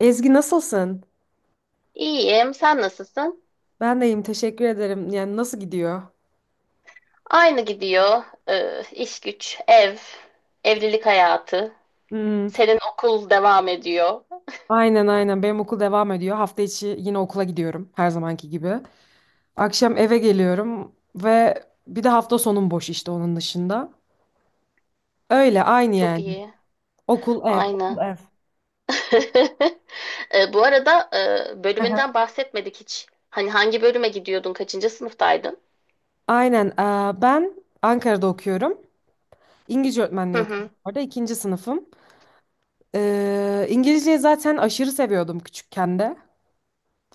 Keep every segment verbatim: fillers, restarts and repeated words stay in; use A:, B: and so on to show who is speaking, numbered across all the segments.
A: Ezgi nasılsın?
B: İyiyim. Sen nasılsın?
A: Ben de iyiyim, teşekkür ederim. Yani nasıl gidiyor?
B: Aynı gidiyor. Ee, iş güç, ev, evlilik hayatı.
A: Hmm,
B: Senin okul devam ediyor.
A: aynen aynen benim okul devam ediyor. Hafta içi yine okula gidiyorum her zamanki gibi. Akşam eve geliyorum ve bir de hafta sonum boş işte onun dışında. Öyle aynı
B: Çok
A: yani.
B: iyi.
A: Okul ev, okul
B: Aynı.
A: ev.
B: Ee, bu arada e, bölümünden bahsetmedik hiç. Hani hangi bölüme gidiyordun? Kaçıncı sınıftaydın?
A: Aynen. eee, Ben Ankara'da okuyorum. İngilizce
B: Hı
A: öğretmenliği
B: hı.
A: okuyorum orada. İkinci sınıfım. Eee İngilizceyi zaten aşırı seviyordum küçükken de.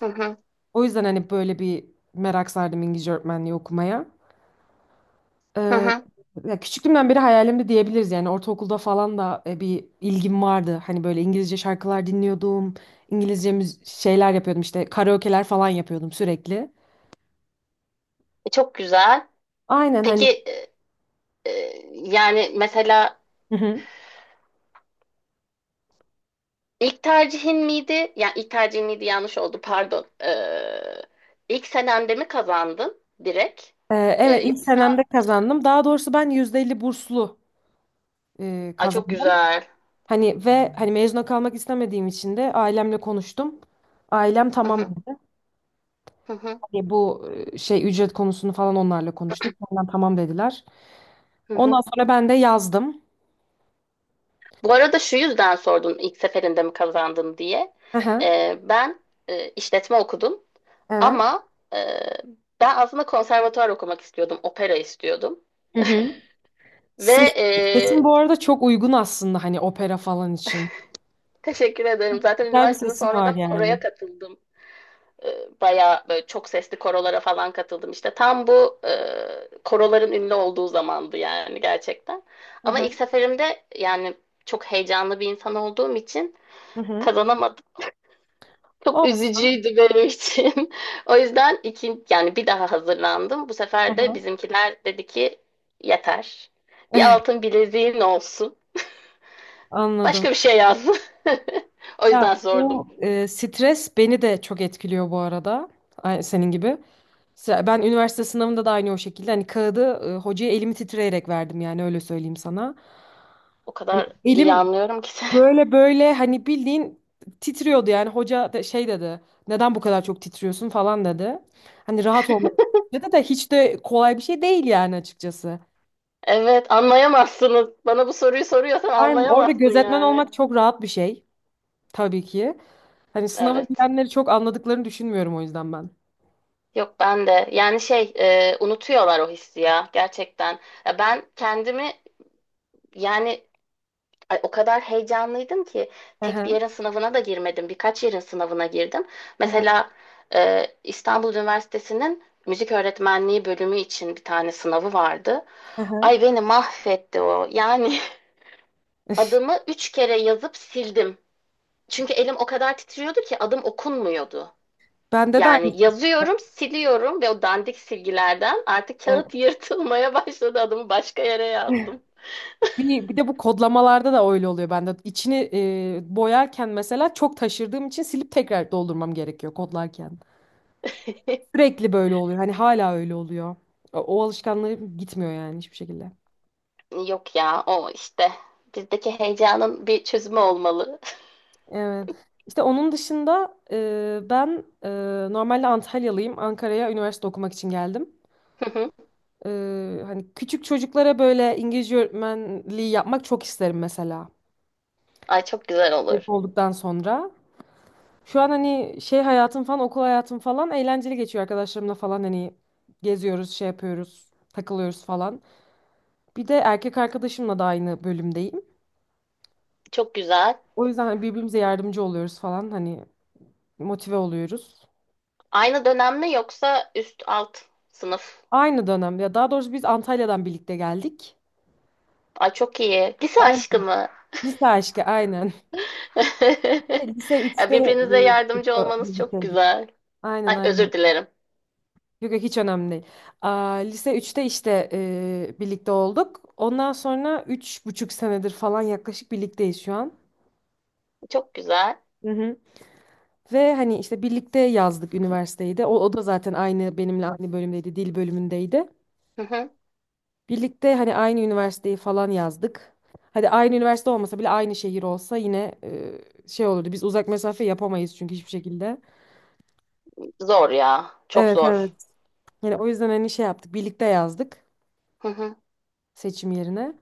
B: Hı hı.
A: O yüzden hani böyle bir merak sardım İngilizce öğretmenliği okumaya.
B: Hı
A: Ee,
B: hı.
A: ya küçüklüğümden beri hayalimdi diyebiliriz yani ortaokulda falan da e, bir ilgim vardı. Hani böyle İngilizce şarkılar dinliyordum. İngilizce müz- şeyler yapıyordum işte karaoke'ler falan yapıyordum sürekli.
B: E, çok güzel.
A: Aynen hani.
B: Peki e, e, yani mesela
A: Hı hı.
B: İlk tercihin miydi? Yani ilk tercihin miydi, yanlış oldu, pardon. Ee, ilk senemde mi kazandın direkt?
A: Ee,
B: Ee,
A: evet ilk
B: yoksa
A: senemde kazandım. Daha doğrusu ben yüzde elli burslu e,
B: ay, çok
A: kazandım.
B: güzel.
A: Hani ve hani mezuna kalmak istemediğim için de ailemle konuştum. Ailem
B: Hı
A: tamam
B: hı,
A: dedi.
B: hı hı,
A: Hani bu e, şey ücret konusunu falan onlarla konuştum. Ondan tamam dediler.
B: hı
A: Ondan
B: hı.
A: sonra ben de yazdım.
B: Bu arada şu yüzden sordum ilk seferinde mi kazandın diye.
A: Hı hı.
B: Ee, ben e, işletme okudum
A: Evet.
B: ama e, ben aslında konservatuvar okumak istiyordum, opera istiyordum.
A: Hı hı.
B: Ve
A: Ses,
B: e,
A: sesin bu arada çok uygun aslında hani opera falan için.
B: teşekkür ederim. Zaten
A: Güzel bir
B: üniversitede
A: sesin var
B: sonradan
A: yani.
B: koroya katıldım. E, bayağı böyle çok sesli korolara falan katıldım. İşte tam bu e, koroların ünlü olduğu zamandı yani gerçekten.
A: Hı
B: Ama
A: hı.
B: ilk seferimde, yani çok heyecanlı bir insan olduğum için
A: Hı hı.
B: kazanamadım. Çok
A: Olsun.
B: üzücüydü benim için. O yüzden iki, yani bir daha hazırlandım. Bu
A: Hı
B: sefer de
A: hı.
B: bizimkiler dedi ki yeter. Bir altın bileziğin olsun.
A: Anladım.
B: Başka bir şey yaz. O
A: Ya
B: yüzden
A: bu
B: sordum.
A: e, stres beni de çok etkiliyor bu arada. Ay- Senin gibi. Se- Ben üniversite sınavında da aynı o şekilde. Hani kağıdı e, hocaya elimi titreyerek verdim yani öyle söyleyeyim sana.
B: O
A: Hani
B: kadar iyi
A: elim
B: anlıyorum ki seni.
A: Böyle böyle hani bildiğin titriyordu yani hoca da şey dedi, neden bu kadar çok titriyorsun falan dedi. Hani rahat olmak dedi de hiç de kolay bir şey değil yani açıkçası.
B: Evet, anlayamazsınız. Bana bu soruyu soruyorsan
A: Aynen orada
B: anlayamazsın
A: gözetmen
B: yani.
A: olmak çok rahat bir şey tabii ki. Hani sınava
B: Evet.
A: girenleri çok anladıklarını düşünmüyorum o yüzden ben.
B: Yok ben de. Yani şey, e, unutuyorlar o hissi ya gerçekten. Ya ben kendimi yani ay, o kadar heyecanlıydım ki
A: Hı
B: tek bir
A: hı,
B: yerin sınavına da girmedim. Birkaç yerin sınavına girdim.
A: hı hı,
B: Mesela e, İstanbul Üniversitesi'nin müzik öğretmenliği bölümü için bir tane sınavı vardı.
A: hı hı.
B: Ay beni mahvetti o. Yani adımı üç kere yazıp sildim. Çünkü elim o kadar titriyordu ki adım okunmuyordu.
A: Bende de aynı.
B: Yani
A: şey,
B: yazıyorum, siliyorum ve o dandik silgilerden artık
A: Evet.
B: kağıt yırtılmaya başladı. Adımı başka yere yazdım.
A: Bir, bir de bu kodlamalarda da öyle oluyor bende. İçini e, boyarken mesela çok taşırdığım için silip tekrar doldurmam gerekiyor kodlarken. Sürekli böyle oluyor. Hani hala öyle oluyor. O, o alışkanlığı gitmiyor yani hiçbir şekilde.
B: Yok ya, o işte bizdeki heyecanın bir çözümü olmalı.
A: Evet. İşte onun dışında e, ben e, normalde Antalyalıyım. Ankara'ya üniversite okumak için geldim.
B: Hı hı.
A: E, hani küçük çocuklara böyle İngilizce öğretmenliği yapmak çok isterim mesela.
B: Ay çok güzel olur.
A: Mezun olduktan sonra. Şu an hani şey hayatım falan, okul hayatım falan eğlenceli geçiyor arkadaşlarımla falan hani geziyoruz, şey yapıyoruz, takılıyoruz falan. Bir de erkek arkadaşımla da aynı bölümdeyim.
B: Çok güzel.
A: O yüzden hani birbirimize yardımcı oluyoruz falan hani motive oluyoruz.
B: Aynı dönem mi yoksa üst alt sınıf?
A: Aynı dönem ya daha doğrusu biz Antalya'dan birlikte geldik.
B: Ay çok iyi. Lise aşkı
A: Aynen.
B: mı?
A: Lise aşkı aynen. Lise
B: Ya
A: üçte
B: birbirinize yardımcı
A: e,
B: olmanız çok
A: birlikteydik.
B: güzel.
A: Aynen
B: Ay
A: aynen.
B: özür dilerim.
A: Yok yok hiç önemli değil. Aa, lise üçte işte e, birlikte olduk. Ondan sonra üç buçuk senedir falan yaklaşık birlikteyiz şu an.
B: Çok güzel.
A: Hı hı. Ve hani işte birlikte yazdık üniversiteyi de. O, o da zaten aynı benimle aynı bölümdeydi, dil bölümündeydi.
B: Hı hı.
A: Birlikte hani aynı üniversiteyi falan yazdık. Hadi aynı üniversite olmasa bile aynı şehir olsa yine e, şey olurdu. Biz uzak mesafe yapamayız çünkü hiçbir şekilde.
B: Zor ya. Çok
A: Evet
B: zor.
A: evet. Yani o yüzden hani şey yaptık. Birlikte yazdık
B: Hı hı.
A: seçim yerine.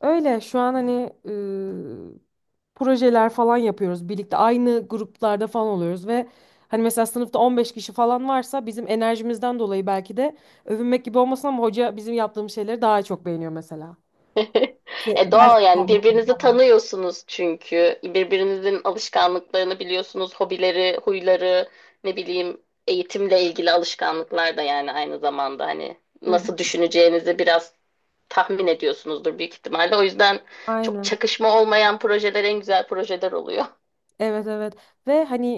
A: Öyle şu an hani e, projeler falan yapıyoruz. Birlikte aynı gruplarda falan oluyoruz ve hani mesela sınıfta on beş kişi falan varsa bizim enerjimizden dolayı belki de övünmek gibi olmasın ama hoca bizim yaptığımız şeyleri daha çok beğeniyor mesela.
B: E doğal yani birbirinizi tanıyorsunuz çünkü. Birbirinizin alışkanlıklarını biliyorsunuz. Hobileri, huyları, ne bileyim, eğitimle ilgili alışkanlıklar da yani aynı zamanda hani
A: Hı hı.
B: nasıl düşüneceğinizi biraz tahmin ediyorsunuzdur büyük ihtimalle. O yüzden çok
A: Aynen.
B: çakışma olmayan projeler en güzel projeler oluyor.
A: Evet evet ve hani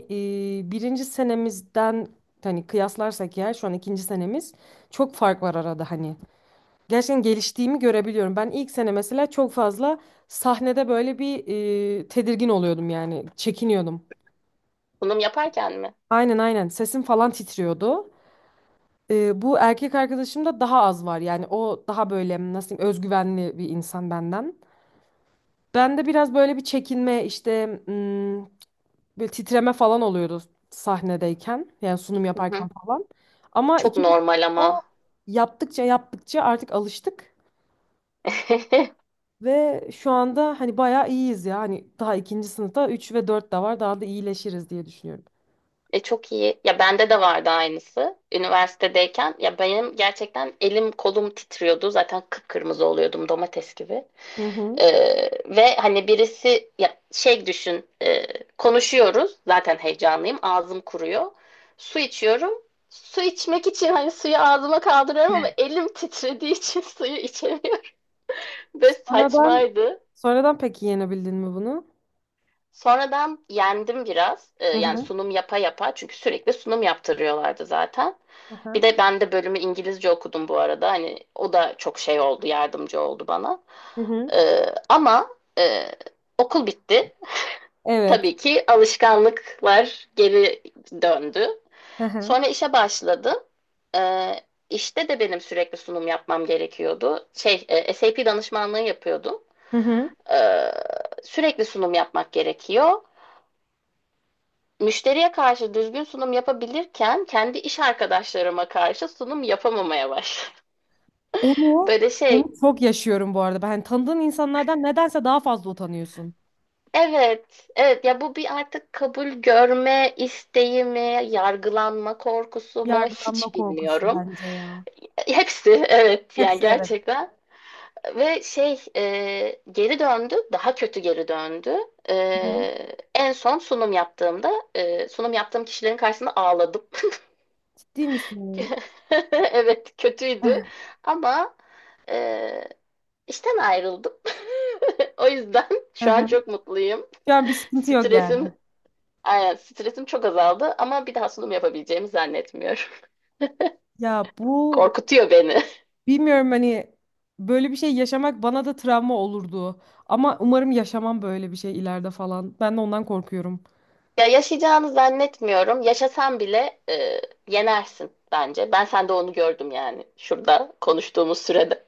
A: e, birinci senemizden hani kıyaslarsak ya şu an ikinci senemiz çok fark var arada hani. Gerçekten geliştiğimi görebiliyorum. Ben ilk sene mesela çok fazla sahnede böyle bir e, tedirgin oluyordum yani çekiniyordum.
B: Sunum yaparken mi?
A: Aynen aynen sesim falan titriyordu. E, bu erkek arkadaşımda daha az var yani o daha böyle nasıl diyeyim özgüvenli bir insan benden. Ben de biraz böyle bir çekinme işte, böyle titreme falan oluyordu sahnedeyken. Yani sunum
B: Hı
A: yaparken
B: hı.
A: falan. Ama
B: Çok
A: ikimiz
B: normal
A: de
B: ama.
A: yaptıkça yaptıkça artık alıştık. Ve şu anda hani bayağı iyiyiz ya. Hani daha ikinci sınıfta üç ve dört de var. Daha da iyileşiriz diye düşünüyorum.
B: E çok iyi. Ya bende de vardı aynısı. Üniversitedeyken ya benim gerçekten elim kolum titriyordu. Zaten kıpkırmızı oluyordum domates gibi.
A: Hı hı.
B: Ee, Ve hani birisi ya şey düşün, e, konuşuyoruz. Zaten heyecanlıyım. Ağzım kuruyor. Su içiyorum. Su içmek için hani suyu ağzıma kaldırıyorum ama elim titrediği için suyu içemiyorum. Ve
A: Sonradan
B: saçmaydı.
A: sonradan peki yenebildin mi bunu?
B: Sonra ben yendim biraz. Ee,
A: Hı
B: yani
A: hı.
B: sunum yapa yapa çünkü sürekli sunum yaptırıyorlardı zaten.
A: Aha.
B: Bir de ben de bölümü İngilizce okudum bu arada. Hani o da çok şey oldu, yardımcı oldu bana.
A: Hı hı.
B: Ee, ama e, okul bitti.
A: Evet.
B: Tabii ki alışkanlıklar geri döndü.
A: Hı hı.
B: Sonra işe başladım. Ee, işte de benim sürekli sunum yapmam gerekiyordu. Şey, e, S A P danışmanlığı yapıyordum.
A: Hı hı.
B: Ee, Sürekli sunum yapmak gerekiyor. Müşteriye karşı düzgün sunum yapabilirken kendi iş arkadaşlarıma karşı sunum yapamamaya başladım.
A: Onu
B: Böyle şey,
A: onu çok yaşıyorum bu arada. Ben hani tanıdığın insanlardan nedense daha fazla utanıyorsun.
B: evet, evet ya bu bir artık kabul görme isteği mi, yargılanma korkusu mu
A: Yargılanma
B: hiç
A: korkusu
B: bilmiyorum.
A: bence ya.
B: Hepsi evet yani
A: Hepsi evet.
B: gerçekten. Ve şey e, geri döndü, daha kötü geri döndü.
A: Hı hı.
B: E, en son sunum yaptığımda e, sunum yaptığım kişilerin karşısında ağladım.
A: Ciddi misin?
B: Evet kötüydü ama e, işten ayrıldım. O yüzden
A: Hı
B: şu an
A: hı.
B: çok mutluyum.
A: Şu an bir sıkıntı yok yani.
B: Stresim, aynen, stresim çok azaldı ama bir daha sunum yapabileceğimi zannetmiyorum.
A: Ya bu
B: Korkutuyor beni.
A: bilmiyorum hani böyle bir şey yaşamak bana da travma olurdu. Ama umarım yaşamam böyle bir şey ileride falan. Ben de ondan korkuyorum.
B: Ya yaşayacağını zannetmiyorum. Yaşasan bile e, yenersin bence. Ben sende onu gördüm yani şurada konuştuğumuz sürede.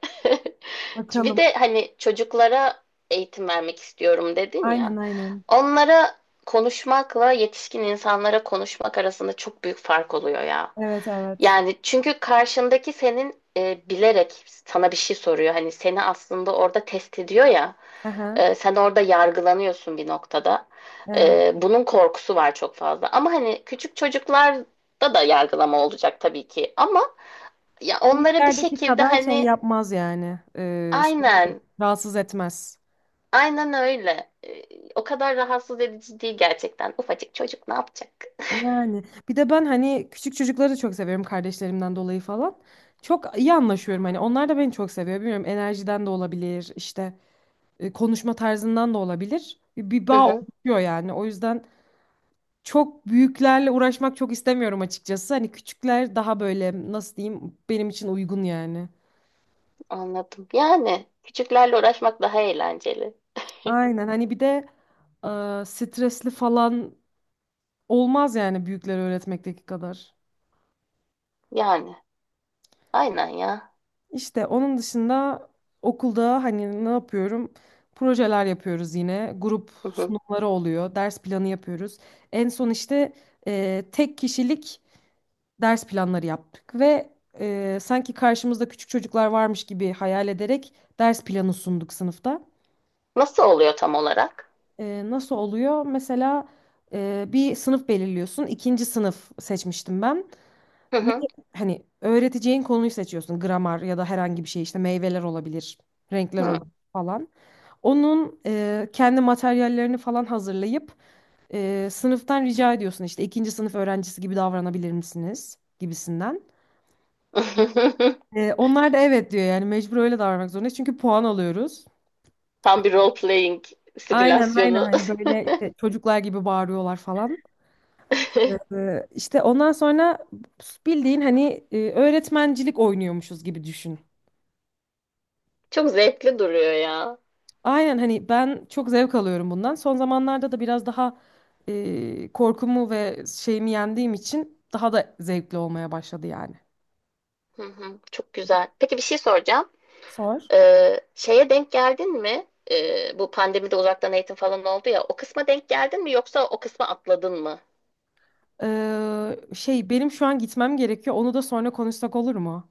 B: Bir
A: Bakalım.
B: de hani çocuklara eğitim vermek istiyorum dedin ya.
A: Aynen aynen.
B: Onlara konuşmakla yetişkin insanlara konuşmak arasında çok büyük fark oluyor ya.
A: Evet evet.
B: Yani çünkü karşındaki senin e, bilerek sana bir şey soruyor. Hani seni aslında orada test ediyor ya.
A: Aha.
B: E, sen orada yargılanıyorsun bir noktada.
A: Evet.
B: E, bunun korkusu var çok fazla. Ama hani küçük çocuklarda da yargılama olacak tabii ki. Ama ya onlara bir
A: Büyüklerdeki
B: şekilde
A: kadar şey
B: hani
A: yapmaz yani. Ee, seni
B: aynen.
A: rahatsız etmez.
B: Aynen öyle. Ee, O kadar rahatsız edici değil gerçekten. Ufacık çocuk ne yapacak?
A: Yani bir de ben hani küçük çocukları da çok seviyorum kardeşlerimden dolayı falan. Çok iyi anlaşıyorum hani onlar da beni çok seviyor. Bilmiyorum enerjiden de olabilir işte e, konuşma tarzından da olabilir. Bir, bir
B: Hı
A: bağ
B: hı,
A: oluşuyor yani o yüzden çok büyüklerle uğraşmak çok istemiyorum açıkçası. Hani küçükler daha böyle nasıl diyeyim benim için uygun yani.
B: anladım. Yani küçüklerle uğraşmak daha eğlenceli.
A: Aynen hani bir de e, stresli falan olmaz yani büyükleri öğretmekteki kadar.
B: Yani aynen ya.
A: İşte onun dışında okulda hani ne yapıyorum? Projeler yapıyoruz yine. Grup
B: Hı hı.
A: sunumları oluyor. Ders planı yapıyoruz. En son işte e, tek kişilik ders planları yaptık ve e, sanki karşımızda küçük çocuklar varmış gibi hayal ederek ders planı sunduk sınıfta.
B: Nasıl oluyor tam olarak?
A: E, nasıl oluyor? Mesela e, bir sınıf belirliyorsun. İkinci sınıf seçmiştim ben.
B: Hı
A: Ne,
B: hı.
A: hani öğreteceğin konuyu seçiyorsun. Gramer ya da herhangi bir şey işte meyveler olabilir, renkler
B: Hı.
A: olabilir falan. Onun e, kendi materyallerini falan hazırlayıp e, sınıftan rica ediyorsun işte ikinci sınıf öğrencisi gibi davranabilir misiniz gibisinden. E, onlar da evet diyor yani mecbur öyle davranmak zorundayız çünkü puan alıyoruz.
B: Tam bir role playing
A: Aynen aynen
B: simülasyonu.
A: hani böyle işte çocuklar gibi bağırıyorlar falan. E, işte ondan sonra bildiğin hani e, öğretmencilik oynuyormuşuz gibi düşün.
B: Çok zevkli duruyor ya.
A: Aynen hani ben çok zevk alıyorum bundan. Son zamanlarda da biraz daha e, korkumu ve şeyimi yendiğim için daha da zevkli olmaya başladı yani.
B: Hı hı, çok güzel. Peki bir şey soracağım.
A: Sor.
B: Ee, şeye denk geldin mi? Ee, bu pandemide uzaktan eğitim falan oldu ya. O kısma denk geldin mi yoksa o kısma atladın mı?
A: Ee, şey benim şu an gitmem gerekiyor. Onu da sonra konuşsak olur mu?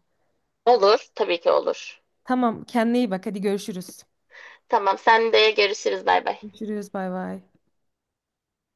B: Olur, tabii ki olur.
A: Tamam, kendine iyi bak. Hadi görüşürüz.
B: Tamam, sen de görüşürüz. Bay bay.
A: Görüşürüz. Bay bay.